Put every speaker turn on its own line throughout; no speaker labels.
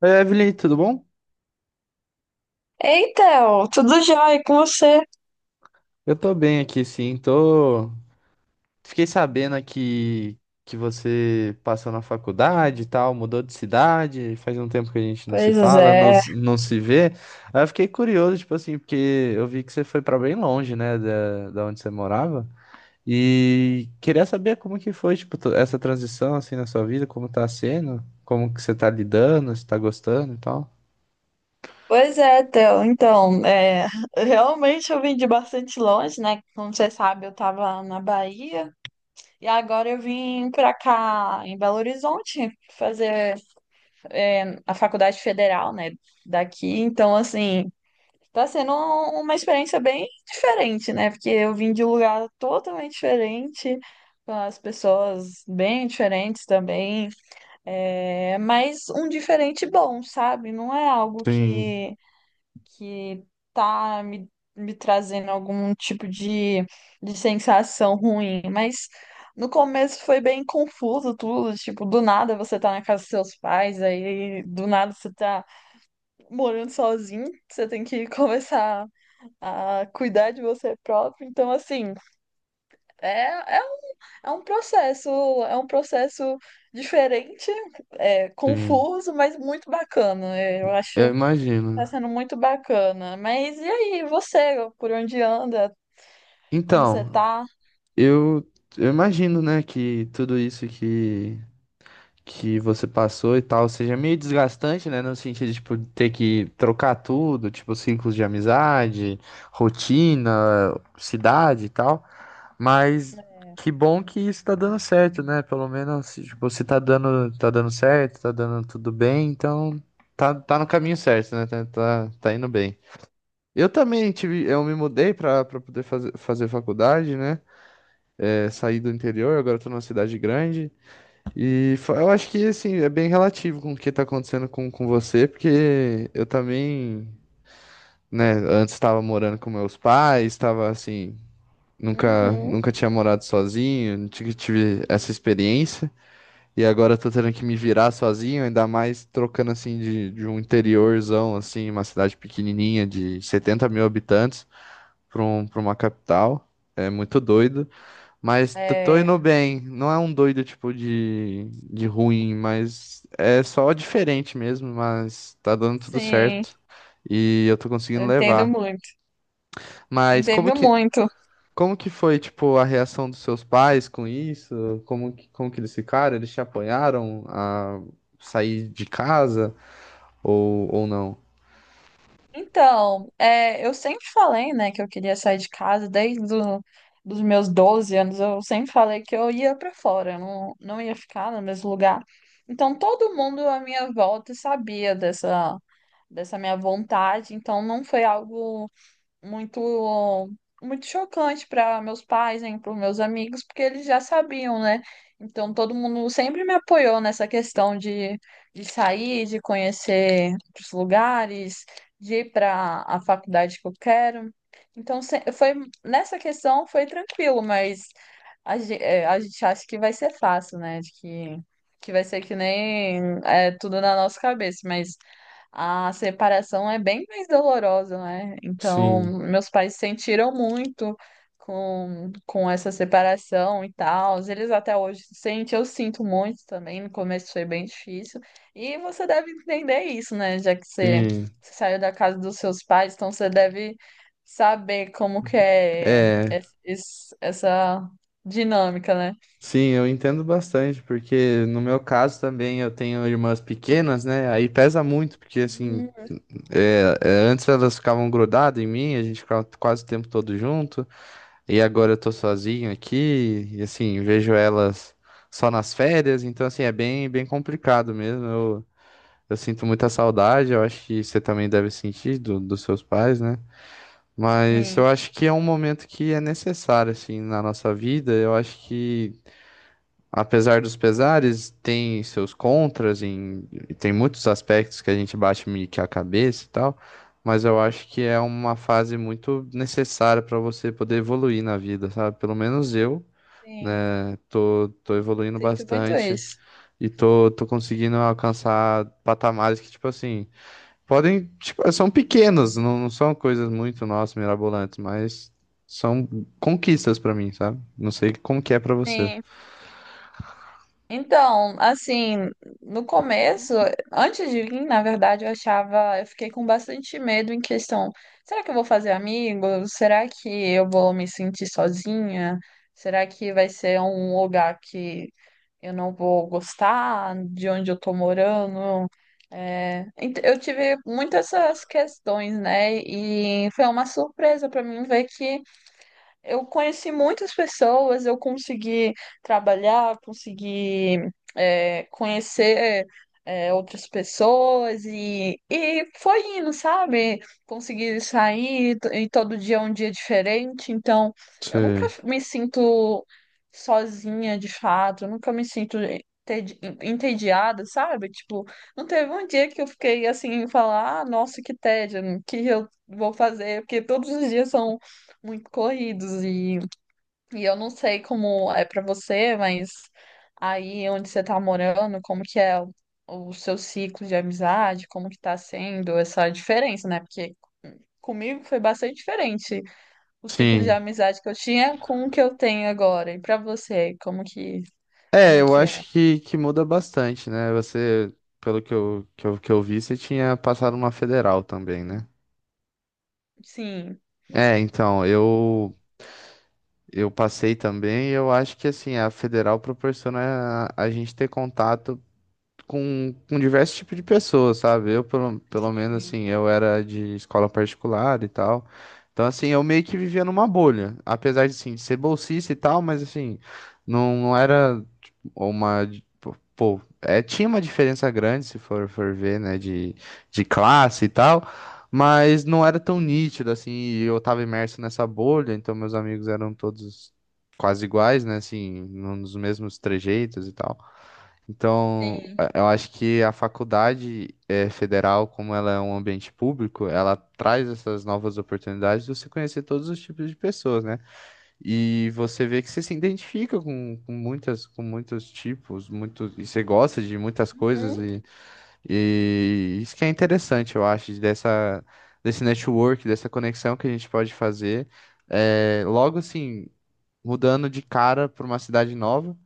Oi, Evelyn, tudo bom?
Ei, Theo, tudo jóia e com você?
Eu tô bem aqui, sim. Tô... Fiquei sabendo que você passou na faculdade e tal, mudou de cidade, faz um tempo que a gente não se
Pois
fala,
é,
não se vê. Aí eu fiquei curioso, tipo assim, porque eu vi que você foi pra bem longe, né, da onde você morava. E queria saber como que foi, tipo, essa transição, assim, na sua vida, como tá sendo, como que você tá lidando, se tá gostando e tal.
pois é, Theo. Então, realmente eu vim de bastante longe, né? Como você sabe, eu tava na Bahia e agora eu vim pra cá, em Belo Horizonte, fazer a faculdade federal, né? Daqui. Então, assim, tá sendo uma experiência bem diferente, né? Porque eu vim de um lugar totalmente diferente, com as pessoas bem diferentes também. É, mas um diferente bom, sabe? Não é algo
Sim,
que tá me trazendo algum tipo de sensação ruim, mas no começo foi bem confuso tudo, tipo, do nada você tá na casa dos seus pais, aí do nada você tá morando sozinho, você tem que começar a cuidar de você próprio, então assim. É um, é um processo, é um processo diferente,
sim.
confuso, mas muito bacana. É, eu
Eu
acho que tá
imagino.
sendo muito bacana. Mas e aí, você, por onde anda? Como você
Então,
tá?
Eu, eu imagino, né, que tudo isso que você passou e tal seja meio desgastante, né, no sentido de, tipo, ter que trocar tudo, tipo, ciclos de amizade, rotina, cidade e tal. Mas que bom que isso tá dando certo, né? Pelo menos, tipo, se tá dando, tá dando certo, tá dando tudo bem, então tá no caminho certo, né? Tá indo bem. Eu também tive, eu me mudei pra poder fazer faculdade, né? É, saí do interior, agora tô numa cidade grande. Eu acho que, assim, é bem relativo com o que tá acontecendo com você, porque eu também, né, antes estava morando com meus pais, estava assim,
Uhum.
nunca tinha morado sozinho, não tive, tive essa experiência. E agora eu tô tendo que me virar sozinho, ainda mais trocando, assim, de um interiorzão, assim, uma cidade pequenininha de 70 mil habitantes para uma capital. É muito doido. Mas tô
É,
indo bem. Não é um doido tipo de ruim, mas é só diferente mesmo. Mas tá dando tudo
sim,
certo e eu tô
eu
conseguindo
entendo
levar.
muito.
Mas
Entendo muito.
como que foi tipo a reação dos seus pais com isso? Como que eles ficaram? Eles te apoiaram a sair de casa ou não?
Então, é, eu sempre falei, né, que eu queria sair de casa desde dos meus 12 anos. Eu sempre falei que eu ia pra fora, eu não ia ficar no mesmo lugar. Então, todo mundo à minha volta sabia dessa, dessa minha vontade. Então, não foi algo muito muito chocante para meus pais, hein, para meus amigos, porque eles já sabiam, né? Então todo mundo sempre me apoiou nessa questão de sair, de conhecer os lugares, de ir para a faculdade que eu quero. Então foi nessa questão foi tranquilo, mas a gente acha que vai ser fácil, né? De que vai ser que nem é, tudo na nossa cabeça, mas a separação é bem mais dolorosa, né? Então,
Sim.
meus pais sentiram muito com essa separação e tal. Eles até hoje sentem, eu sinto muito também. No começo foi bem difícil. E você deve entender isso, né? Já que você,
Sim.
você saiu da casa dos seus pais, então você deve saber como que é
É.
essa dinâmica, né?
Sim, eu entendo bastante, porque no meu caso também eu tenho irmãs pequenas, né? Aí pesa muito, porque assim,
Hum,
antes elas ficavam grudadas em mim, a gente ficava quase o tempo todo junto, e agora eu tô sozinho aqui, e assim, vejo elas só nas férias, então assim, é bem complicado mesmo. Eu sinto muita saudade, eu acho que você também deve sentir dos seus pais, né? Mas eu
sim,
acho que é um momento que é necessário, assim, na nossa vida. Eu acho que apesar dos pesares, tem seus contras em, tem muitos aspectos que a gente bate meio que a cabeça e tal, mas eu acho que é uma fase muito necessária para você poder evoluir na vida, sabe? Pelo menos eu,
sim.
né, tô evoluindo
Sinto muito
bastante
isso.
e tô conseguindo alcançar patamares que, tipo assim, podem, tipo, são pequenos, não são coisas muito, nossa, mirabolantes, mas são conquistas para mim, sabe? Não sei como que é para você.
Sim. Então, assim, no começo, antes de vir, na verdade, eu achava, eu fiquei com bastante medo em questão, será que eu vou fazer amigos? Será que eu vou me sentir sozinha? Será que vai ser um lugar que eu não vou gostar de onde eu tô morando? É, eu tive muitas essas questões, né? E foi uma surpresa para mim ver que eu conheci muitas pessoas, eu consegui trabalhar, consegui conhecer outras pessoas e foi indo, sabe? Consegui e todo dia é um dia diferente, então eu nunca
Sim.
me sinto sozinha de fato, eu nunca me sinto entediada, sabe? Tipo, não teve um dia que eu fiquei assim, falar, ah, nossa, que tédio, o que eu vou fazer? Porque todos os dias são muito corridos e eu não sei como é pra você, mas aí onde você tá morando, como que é o seu ciclo de amizade, como que tá sendo essa diferença, né? Porque comigo foi bastante diferente o ciclo de
Sim,
amizade que eu tinha com o que eu tenho agora. E pra você, como que
é,
como
eu
que é?
acho que muda bastante, né? Você, pelo que que eu vi, você tinha passado uma federal também, né?
Sim,
É, então, eu passei também e eu acho que, assim, a federal proporciona a gente ter contato com diversos tipos de pessoas, sabe? Eu, pelo menos,
sim,
assim, eu era de escola particular e tal. Então, assim, eu meio que vivia numa bolha. Apesar de, assim, ser bolsista e tal, mas, assim, não era tipo, uma... Pô, é, tinha uma diferença grande, se for ver, né, de classe e tal, mas não era tão nítido, assim, e eu tava imerso nessa bolha, então meus amigos eram todos quase iguais, né, assim, nos mesmos trejeitos e tal. Então,
sim.
eu acho que a faculdade federal, como ela é um ambiente público, ela traz essas novas oportunidades de você conhecer todos os tipos de pessoas, né? E você vê que você se identifica com muitas, com muitos tipos, muitos, e você gosta de muitas coisas,
Uhum.
e isso que é interessante, eu acho, dessa, desse network, dessa conexão que a gente pode fazer. Logo assim, mudando de cara para uma cidade nova.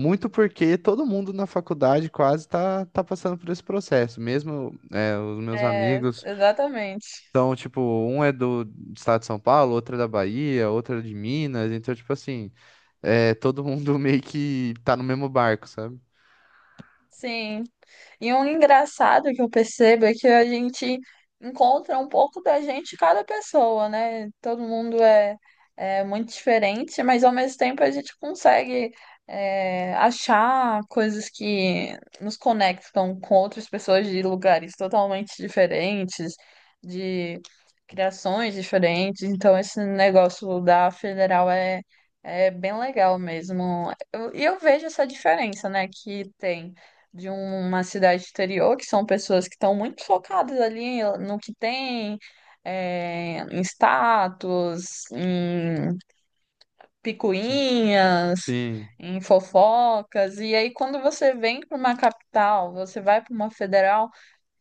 Muito porque todo mundo na faculdade quase tá passando por esse processo. Mesmo é, os meus
É,
amigos
exatamente.
são, tipo, um é do estado de São Paulo, outro é da Bahia, outro é de Minas. Então, tipo assim, é, todo mundo meio que tá no mesmo barco, sabe?
Sim, e um engraçado que eu percebo é que a gente encontra um pouco da gente em cada pessoa, né? Todo mundo é muito diferente, mas ao mesmo tempo a gente consegue achar coisas que nos conectam com outras pessoas de lugares totalmente diferentes, de criações diferentes. Então, esse negócio da federal é bem legal mesmo. E eu vejo essa diferença, né, que tem de uma cidade exterior, que são pessoas que estão muito focadas ali no que tem, em status, em picuinhas,
Sim,
em fofocas. E aí, quando você vem para uma capital, você vai para uma federal,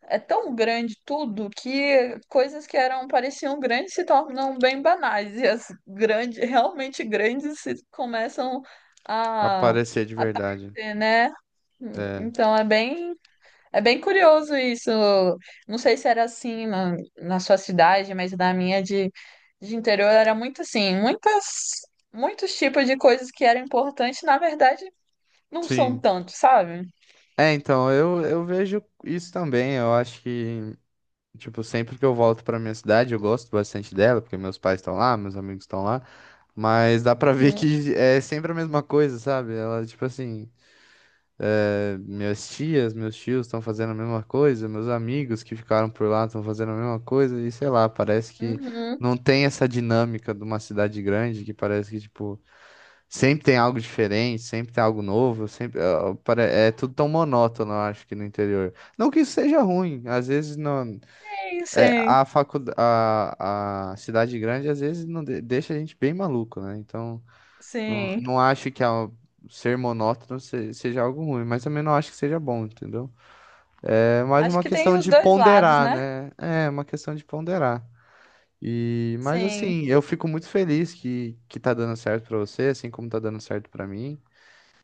é tão grande tudo que coisas que eram pareciam grandes se tornam bem banais. E as grandes, realmente grandes, se começam a
aparecer de verdade.
aparecer, né?
É,
Então é bem curioso isso. Não sei se era assim na, na sua cidade, mas na minha de interior era muito assim, muitos tipos de coisas que eram importantes, na verdade, não são
sim.
tantos, sabe?
É, então, eu vejo isso também. Eu acho que, tipo, sempre que eu volto pra minha cidade, eu gosto bastante dela, porque meus pais estão lá, meus amigos estão lá. Mas dá pra ver
Uhum,
que é sempre a mesma coisa, sabe? Ela, tipo assim, é, minhas tias, meus tios estão fazendo a mesma coisa, meus amigos que ficaram por lá estão fazendo a mesma coisa, e sei lá, parece que
uhum.
não tem essa dinâmica de uma cidade grande, que parece que, tipo, sempre tem algo diferente, sempre tem algo novo, é tudo tão monótono, eu acho, que no interior. Não que isso seja ruim, às vezes não,
Sim,
é,
sim,
a cidade grande, às vezes não deixa a gente bem maluco, né? Então. Não,
sim.
não acho que ser monótono seja algo ruim, mas também não acho que seja bom, entendeu? É mais
Acho
uma
que tem
questão
os
de
dois lados,
ponderar,
né?
né? É uma questão de ponderar. E, mas
Sim,
assim, eu fico muito feliz que tá dando certo pra você, assim como tá dando certo pra mim.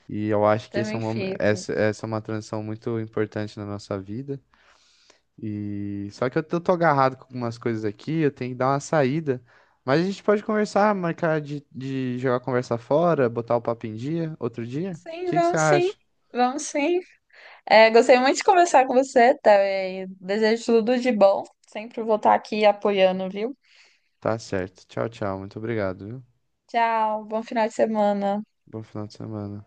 E eu acho que esse é
também fico.
essa, essa é uma transição muito importante na nossa vida. E só que eu tô agarrado com algumas coisas aqui, eu tenho que dar uma saída. Mas a gente pode conversar, marcar de jogar conversa fora, botar o papo em dia, outro dia? O
Sim,
que que você
vamos sim,
acha?
vamos sim. É, gostei muito de conversar com você, Théo, e desejo tudo de bom. Sempre vou estar aqui apoiando, viu?
Tá certo. Tchau, tchau. Muito obrigado, viu?
Tchau, bom final de semana.
Bom final de semana.